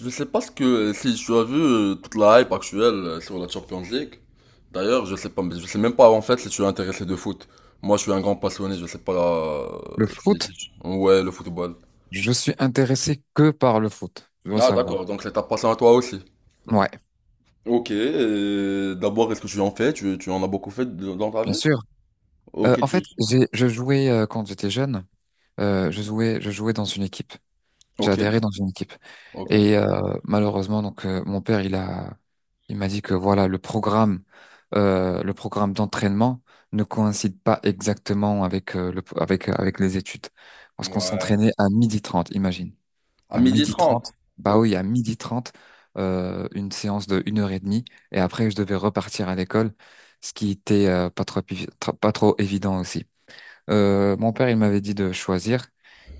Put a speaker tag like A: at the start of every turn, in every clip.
A: Je sais pas ce que si tu as vu toute la hype actuelle sur la Champions League. D'ailleurs, je sais pas, je sais même pas en fait si tu es intéressé de foot. Moi, je suis un grand passionné, je sais pas
B: Le
A: si, si
B: foot,
A: tu- Ouais, le football.
B: je suis intéressé que par le foot, tu dois
A: Ah, d'accord,
B: savoir.
A: donc c'est ta passion à toi aussi.
B: Ouais,
A: Ok, et d'abord, est-ce que tu en fais? Tu en as beaucoup fait dans ta
B: bien
A: vie?
B: sûr.
A: Ok,
B: En fait, je jouais, quand j'étais jeune. Je jouais dans une équipe. J'ai
A: Ok,
B: adhéré dans une équipe.
A: ok.
B: Et malheureusement, donc mon père, il m'a dit que voilà, le programme, d'entraînement ne coïncide pas exactement avec avec les études, parce qu'on
A: Ouais.
B: s'entraînait à midi 30. Imagine.
A: À
B: À
A: midi
B: midi
A: 30.
B: trente. Bah
A: Ok.
B: oui, à midi trente, une séance de une heure et demie. Et après, je devais repartir à l'école, ce qui était pas trop évident aussi. Mon père, il m'avait dit de choisir.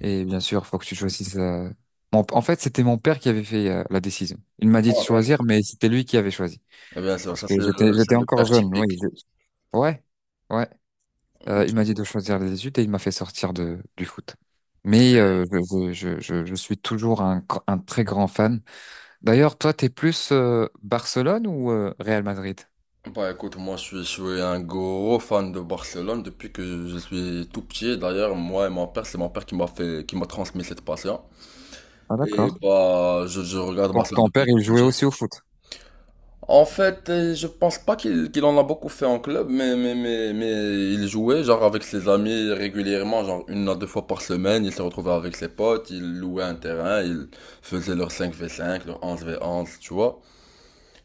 B: Et bien sûr, faut que tu choisisses. En fait, c'était mon père qui avait fait la décision. Il m'a dit de
A: Ouais, bien sûr.
B: choisir, mais c'était lui qui avait choisi.
A: Eh bien sûr,
B: Parce
A: ça
B: que
A: c'est
B: j'étais,
A: le, c'est
B: j'étais
A: le
B: encore
A: père
B: jeune. Oui,
A: typique.
B: ouais, ouais. Il m'a dit de choisir les études et il m'a fait sortir du foot. Mais je suis toujours un très grand fan. D'ailleurs, toi, t'es plus Barcelone ou Real Madrid?
A: Bah écoute, moi je suis un gros fan de Barcelone depuis que je suis tout petit. D'ailleurs, moi et mon père, c'est mon père qui m'a fait, qui m'a transmis cette passion.
B: Ah,
A: Et
B: d'accord.
A: bah, je regarde
B: Ton,
A: Barcelone
B: ton père,
A: depuis tout
B: il jouait
A: petit.
B: aussi au foot?
A: En fait, je pense pas qu'il en a beaucoup fait en club, mais il jouait genre avec ses amis régulièrement, genre 1 à 2 fois par semaine. Il se retrouvait avec ses potes, il louait un terrain, il faisait leur 5v5, leur 11v11, tu vois.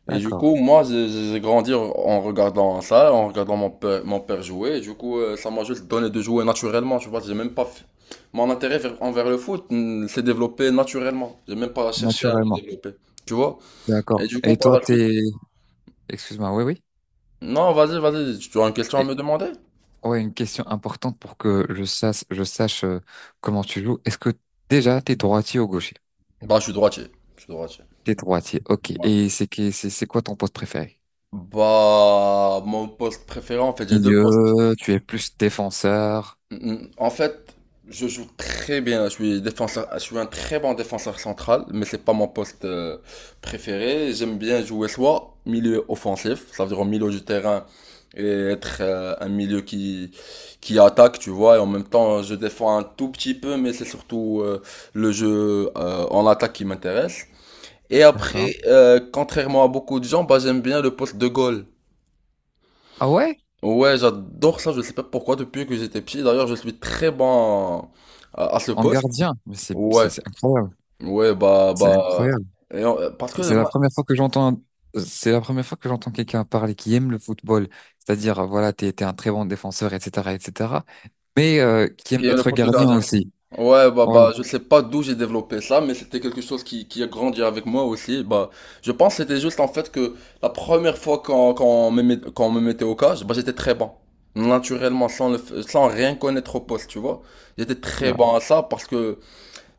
A: Et du
B: D'accord.
A: coup, moi, j'ai grandi en regardant ça, en regardant mon père jouer. Et du coup, ça m'a juste donné de jouer naturellement. Tu vois. J'ai même pas fait- Mon intérêt envers le foot s'est développé naturellement. J'ai même pas cherché à le
B: Naturellement.
A: développer. Tu vois? Et
B: D'accord.
A: du coup,
B: Et
A: par
B: toi,
A: la suite.
B: t'es... Excuse-moi, oui, oui.
A: Non, vas-y, vas-y. Tu as une question à
B: Et
A: me demander?
B: ouais, une question importante pour que je sache, comment tu joues. Est-ce que déjà t'es droitier ou gaucher?
A: Bah, je suis droitier. Je suis droitier.
B: T'es droitier, ok.
A: Ouais.
B: Et c'est quoi ton poste préféré?
A: Bah, mon poste préféré, en fait, j'ai deux postes.
B: Milieu. Tu es plus défenseur.
A: Mm, mm. En fait, je joue très bien. Je suis défenseur, je suis un très bon défenseur central, mais c'est pas mon poste préféré. J'aime bien jouer soit milieu offensif, ça veut dire au milieu du terrain et être un milieu qui attaque, tu vois. Et en même temps, je défends un tout petit peu, mais c'est surtout le jeu en attaque qui m'intéresse. Et
B: D'accord.
A: après, contrairement à beaucoup de gens, bah j'aime bien le poste de goal.
B: Ah ouais?
A: Ouais, j'adore ça, je sais pas pourquoi, depuis que j'étais petit. D'ailleurs, je suis très bon à ce
B: En
A: poste.
B: gardien. Mais
A: Ouais,
B: c'est incroyable.
A: ouais, bah,
B: C'est
A: bah.
B: incroyable.
A: et on- parce que
B: C'est la
A: ma-
B: première fois que j'entends, c'est la première fois que j'entends quelqu'un parler qui aime le football. C'est-à-dire, voilà, t'es un très bon défenseur, etc., etc. Mais qui
A: il
B: aime
A: y a le
B: être
A: poste de
B: gardien
A: gardien.
B: aussi.
A: Ouais,
B: Ouais.
A: je sais pas d'où j'ai développé ça, mais c'était quelque chose qui a grandi avec moi aussi. Bah, je pense que c'était juste en fait que la première fois qu'on me mettait au cage, bah, j'étais très bon. Naturellement, sans le f- sans rien connaître au poste, tu vois. J'étais très
B: Oula.
A: bon à ça parce que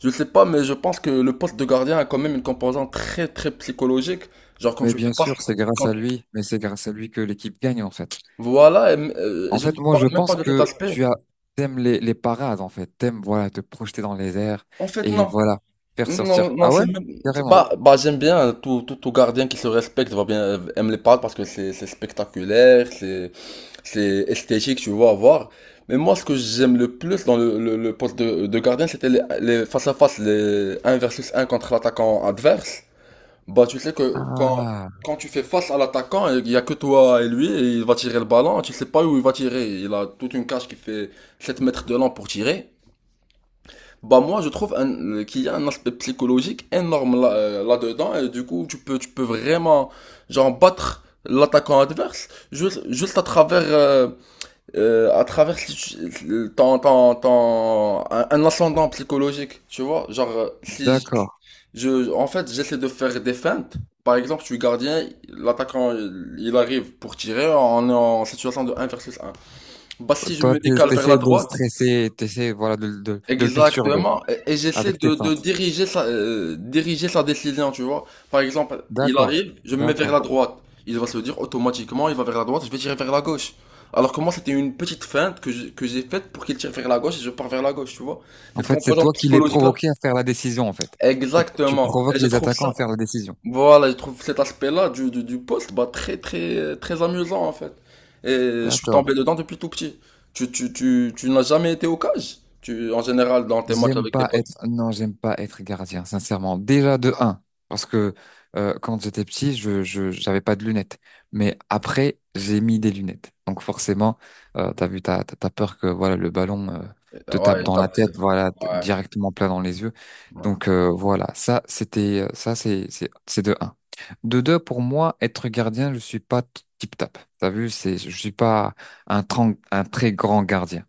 A: je sais pas, mais je pense que le poste de gardien a quand même une composante très très psychologique. Genre quand
B: Mais
A: je fais
B: bien
A: pas,
B: sûr, c'est grâce
A: quand-
B: à lui. Mais c'est grâce à lui que l'équipe gagne, en fait.
A: voilà,
B: En
A: je
B: fait,
A: te
B: moi, je
A: parle même pas
B: pense
A: de cet
B: que
A: aspect.
B: t'aimes les parades, en fait. T'aimes, voilà, te projeter dans les airs
A: En fait,
B: et
A: non,
B: voilà, faire
A: non,
B: sortir.
A: non,
B: Ah ouais?
A: c'est même, bah,
B: Carrément.
A: bah j'aime bien tout, tout, tout gardien qui se respecte, va bien aime les parcs parce que c'est spectaculaire, c'est esthétique, tu vois, à voir. Mais moi, ce que j'aime le plus dans le poste de gardien, c'était les face à face, les un versus un contre l'attaquant adverse. Bah, tu sais que quand,
B: Ah,
A: quand tu fais face à l'attaquant, il y a que toi et lui, et il va tirer le ballon, tu sais pas où il va tirer. Il a toute une cage qui fait 7 mètres de long pour tirer. Bah, moi, je trouve qu'il y a un aspect psychologique énorme là, là-dedans, et du coup, tu peux vraiment, genre, battre l'attaquant adverse juste à travers si tu- le- un ascendant psychologique, tu vois. Genre, si
B: d'accord.
A: je, je- en fait, j'essaie de faire des feintes. Par exemple, je suis gardien, l'attaquant, il arrive pour tirer, on est en situation de un versus un. Bah, si je
B: Toi,
A: me décale vers la
B: t'essaies de le
A: droite,
B: stresser, t'essaies, voilà, de le perturber
A: exactement, et j'essaie
B: avec tes
A: de,
B: fins.
A: de diriger sa décision, tu vois. Par exemple, il
B: D'accord,
A: arrive, je me mets vers la
B: d'accord.
A: droite. Il va se dire automatiquement, il va vers la droite, je vais tirer vers la gauche. Alors que moi, c'était une petite feinte que j'ai faite pour qu'il tire vers la gauche et je pars vers la gauche, tu vois.
B: En
A: Cette
B: fait, c'est
A: composante
B: toi qui les
A: psychologique-là.
B: provoquais à faire la décision, en fait. Tu
A: Exactement.
B: provoques
A: Et je
B: les
A: trouve
B: attaquants à
A: ça,
B: faire la décision.
A: voilà, je trouve cet aspect-là du poste, bah, très, très, très amusant, en fait. Et je suis tombé
B: D'accord.
A: dedans depuis tout petit. Tu n'as jamais été au cage, tu, en général, dans tes matchs
B: J'aime
A: avec tes
B: pas
A: potes.
B: être, non, j'aime pas être gardien, sincèrement. Déjà de un, parce que quand j'étais petit, j'avais pas de lunettes. Mais après, j'ai mis des lunettes. Donc forcément, t'as vu, t'as peur que voilà le ballon te tape
A: Ouais,
B: dans la tête,
A: ouais,
B: voilà
A: ouais.
B: directement plein dans les yeux. Donc voilà, ça c'est, c'est de un. De deux, pour moi, être gardien, je suis pas tip-tap. T'as vu, je suis pas un très grand gardien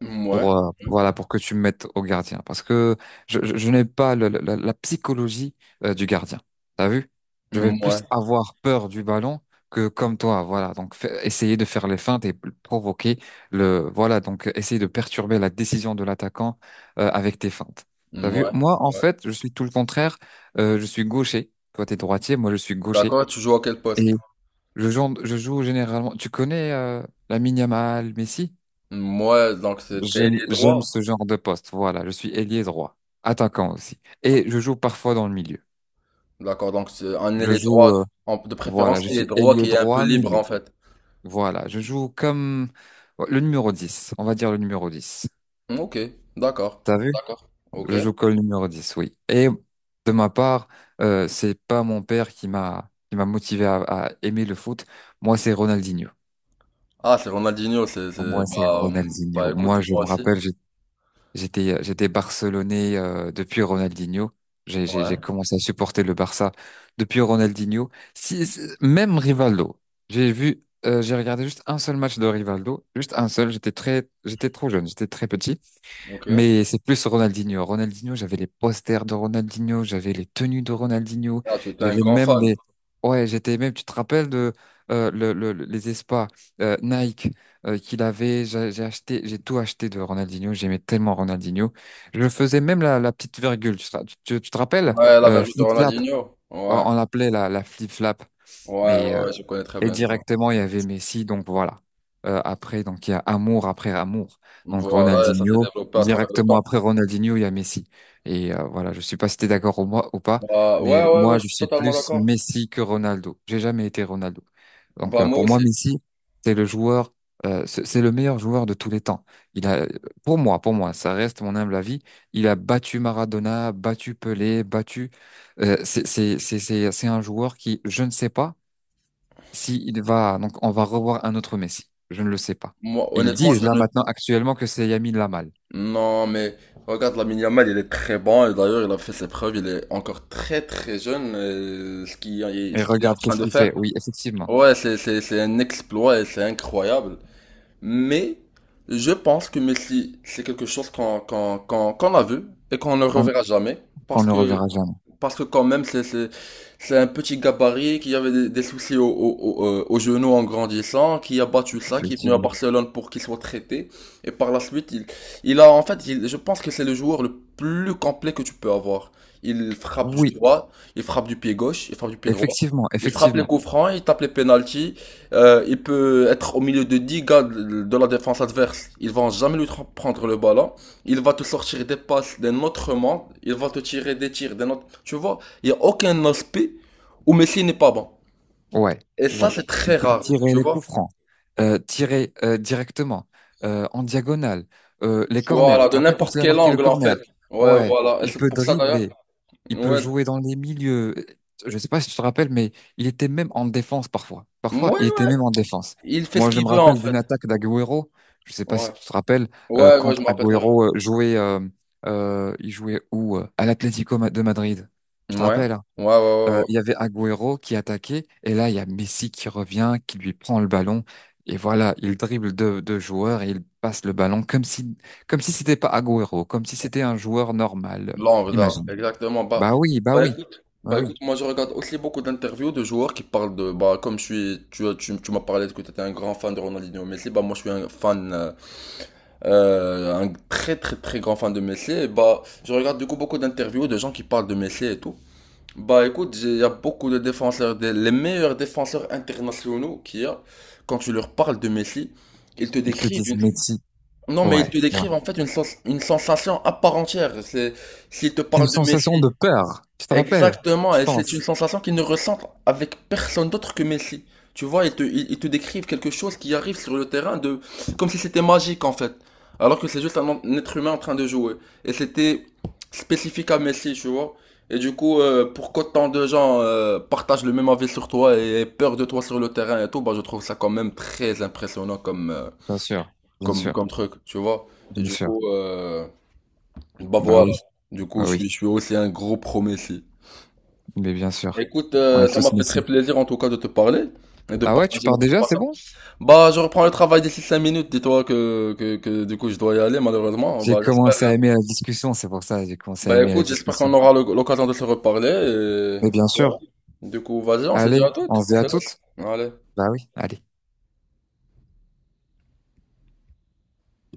A: Moi,
B: pour voilà pour que tu me mettes au gardien parce que je n'ai pas la psychologie du gardien. T'as vu? Je vais plus
A: moi,
B: avoir peur du ballon que comme toi, voilà. Donc essayer de faire les feintes et provoquer le voilà, donc essayer de perturber la décision de l'attaquant avec tes feintes. T'as vu?
A: moi,
B: Moi en
A: ouais.
B: fait, je suis tout le contraire. Je suis gaucher. Toi t'es droitier, moi je suis gaucher
A: D'accord, tu joues à quel
B: et
A: poste?
B: je joue généralement. Tu connais Lamine Yamal, Messi?
A: Moi, donc c'est t'es
B: J'aime,
A: ailier
B: j'aime
A: droit.
B: ce genre de poste. Voilà, je suis ailier droit, attaquant aussi. Et je joue parfois dans le milieu.
A: D'accord, donc c'est un
B: Je
A: ailier
B: joue,
A: droit,
B: euh,
A: de
B: voilà,
A: préférence
B: je
A: ailier
B: suis
A: droit
B: ailier
A: qui est un peu
B: droit,
A: libre
B: milieu.
A: en fait.
B: Voilà, je joue comme le numéro 10, on va dire le numéro 10.
A: Ok, d'accord,
B: T'as vu?
A: d'accord, ok.
B: Je joue comme le numéro 10, oui. Et de ma part, c'est pas mon père qui m'a motivé à aimer le foot. Moi, c'est Ronaldinho.
A: Ah, c'est Ronaldinho,
B: Moi, c'est
A: bah
B: Ronaldinho.
A: écoute,
B: Moi, je
A: moi
B: me
A: aussi.
B: rappelle. J'étais Barcelonais, depuis Ronaldinho. J'ai
A: Ouais,
B: commencé à supporter le Barça depuis Ronaldinho. Même Rivaldo. J'ai regardé juste un seul match de Rivaldo, juste un seul. J'étais trop jeune, j'étais très petit.
A: ok.
B: Mais c'est plus Ronaldinho. Ronaldinho, j'avais les posters de Ronaldinho, j'avais les tenues de Ronaldinho,
A: Ah, tu es un
B: j'avais
A: grand
B: même
A: fan.
B: les... Ouais, j'étais même, tu te rappelles de les espas Nike qu'il avait, j'ai acheté, j'ai tout acheté de Ronaldinho, j'aimais tellement Ronaldinho. Je faisais même la petite virgule, tu te, ra- tu- tu- tu te rappelles?
A: Ouais, la vertu de
B: Flip-flap,
A: Ronaldinho.
B: on,
A: Ouais,
B: on l'appelait la flip-flap.
A: ouais,
B: Mais
A: ouais,
B: euh,
A: ouais, je connais très
B: et
A: bien, je vois.
B: directement, il y avait Messi, donc voilà. Après, donc il y a amour après amour. Donc
A: Voilà, et ça s'est
B: Ronaldinho,
A: développé à travers le
B: directement
A: temps.
B: après Ronaldinho, il y a Messi. Voilà, je suis pas si t'es d'accord ou, moi, ou pas,
A: Bah,
B: mais
A: ouais, ouais, ouais,
B: moi,
A: je
B: je
A: suis
B: suis
A: totalement
B: plus
A: d'accord.
B: Messi que Ronaldo. J'ai jamais été Ronaldo. Donc
A: Bah,
B: euh,
A: moi
B: pour moi,
A: aussi.
B: Messi, c'est le joueur, c'est le meilleur joueur de tous les temps. Il a, pour moi, ça reste mon humble avis. Il a battu Maradona, battu Pelé, battu. C'est un joueur qui, je ne sais pas. Si il va, donc on va revoir un autre Messi. Je ne le sais pas.
A: Moi,
B: Ils
A: honnêtement,
B: disent
A: je
B: là
A: ne.
B: maintenant actuellement que c'est Yamin Lamal.
A: Non, mais regarde, Lamine Yamal, il est très bon. Et d'ailleurs, il a fait ses preuves. Il est encore très, très jeune.
B: Et
A: Ce qu'il est en
B: regarde
A: train
B: qu'est-ce
A: de
B: qu'il fait.
A: faire.
B: Oui, effectivement.
A: Ouais, c'est un exploit et c'est incroyable. Mais, je pense que Messi, c'est quelque chose qu'on a vu et qu'on ne
B: Qu'on
A: reverra jamais.
B: qu'on
A: Parce
B: ne
A: que
B: reverra jamais.
A: Parce que quand même, c'est un petit gabarit qui avait des soucis au genou en grandissant, qui a battu ça, qui est venu à
B: Effectivement.
A: Barcelone pour qu'il soit traité. Et par la suite, il a en fait, il- je pense que c'est le joueur le plus complet que tu peux avoir. Il frappe du
B: Oui,
A: droit, il frappe du pied gauche, il frappe du pied droit.
B: effectivement,
A: Il frappe les
B: effectivement.
A: coups francs, il tape les pénaltys. Il peut être au milieu de 10 gars de la défense adverse. Ils vont jamais lui prendre le ballon. Il va te sortir des passes d'un autre monde. Il va te tirer des tirs d'un autre. Tu vois, il n'y a aucun aspect où Messi n'est pas bon.
B: Ouais,
A: Et ça,
B: ouais.
A: c'est très
B: Il peut
A: rare,
B: tirer
A: tu
B: les
A: vois.
B: coups francs, tirer directement, en diagonale, les corners.
A: Voilà,
B: Tu te
A: de
B: rappelles quand
A: n'importe
B: il a
A: quel
B: marqué le
A: angle, en
B: corner?
A: fait. Ouais,
B: Ouais.
A: voilà. Et
B: Il
A: c'est
B: peut
A: pour ça, d'ailleurs.
B: dribbler. Il peut
A: Ouais.
B: jouer dans les milieux. Je ne sais pas si tu te rappelles, mais il était même en défense parfois.
A: Ouais,
B: Parfois, il était
A: ouais.
B: même en défense.
A: Il fait ce
B: Moi, je
A: qu'il
B: me
A: veut, en
B: rappelle d'une
A: fait.
B: attaque d'Agüero. Je ne sais pas si
A: Ouais.
B: tu te rappelles,
A: Ouais, ouais,
B: quand
A: je me rappelle très
B: Agüero jouait, il jouait où? À l'Atlético de Madrid. Tu te
A: bien. Ouais.
B: rappelles, hein?
A: Ouais, ouais, ouais, ouais.
B: Il y avait Agüero qui attaquait, et là, il y a Messi qui revient, qui lui prend le ballon. Et voilà, il dribble deux joueurs et il passe le ballon comme si c'était pas Agüero, comme si c'était un joueur normal.
A: L'angle, là.
B: Imagine.
A: Exactement.
B: Bah oui, bah oui,
A: Écoute.
B: bah
A: Bah, écoute,
B: oui.
A: moi, je regarde aussi beaucoup d'interviews de joueurs qui parlent de. Bah, comme je suis. Tu m'as parlé que tu étais un grand fan de Ronaldinho Messi. Bah, moi, je suis un fan. Un très très très grand fan de Messi, et bah, je regarde du coup beaucoup d'interviews de gens qui parlent de Messi et tout. Bah écoute, il y a beaucoup de défenseurs, les meilleurs défenseurs internationaux qu'il y a, quand tu leur parles de Messi, ils te
B: Ils te
A: décrivent
B: disent
A: une.
B: Messi,
A: Non mais ils te
B: Ouais, ouais.
A: décrivent en fait une sensation à part entière. C'est, s'ils te
B: C'est une
A: parlent de
B: sensation
A: Messi,
B: de peur. Tu te rappelles?
A: exactement,
B: Je
A: et c'est une
B: pense.
A: sensation qu'ils ne ressentent avec personne d'autre que Messi. Tu vois, ils te décrivent quelque chose qui arrive sur le terrain de, comme si c'était magique en fait, alors que c'est juste un être humain en train de jouer. Et c'était spécifique à Messi, tu vois. Et du coup, pour qu'autant de gens partagent le même avis sur toi et aient peur de toi sur le terrain et tout, bah je trouve ça quand même très impressionnant
B: Bien sûr, bien
A: comme,
B: sûr,
A: comme truc, tu vois. Et
B: bien
A: du
B: sûr.
A: coup, bah
B: Bah
A: voilà.
B: oui,
A: Du coup,
B: bah
A: je
B: oui,
A: suis, je suis aussi un gros pro Messi.
B: mais bien sûr.
A: Écoute,
B: On a
A: ça m'a
B: tous
A: fait très
B: Messi.
A: plaisir en tout cas de te parler et de
B: Ah ouais, tu
A: partager
B: pars
A: notre
B: déjà, c'est
A: passage.
B: bon?
A: Bah, je reprends le travail d'ici 5 minutes. Dis-toi que du coup, je dois y aller malheureusement.
B: J'ai
A: Bah, j'espère.
B: commencé à aimer la discussion, c'est pour ça, j'ai commencé à
A: Bah,
B: aimer la
A: écoute, j'espère
B: discussion.
A: qu'on aura l'occasion de se reparler.
B: Mais bien
A: Ouais.
B: sûr.
A: Du coup, vas-y, on se dit
B: Allez,
A: à
B: on
A: toutes.
B: se
A: On
B: dit à
A: se laisse.
B: toutes.
A: Allez.
B: Bah oui, allez.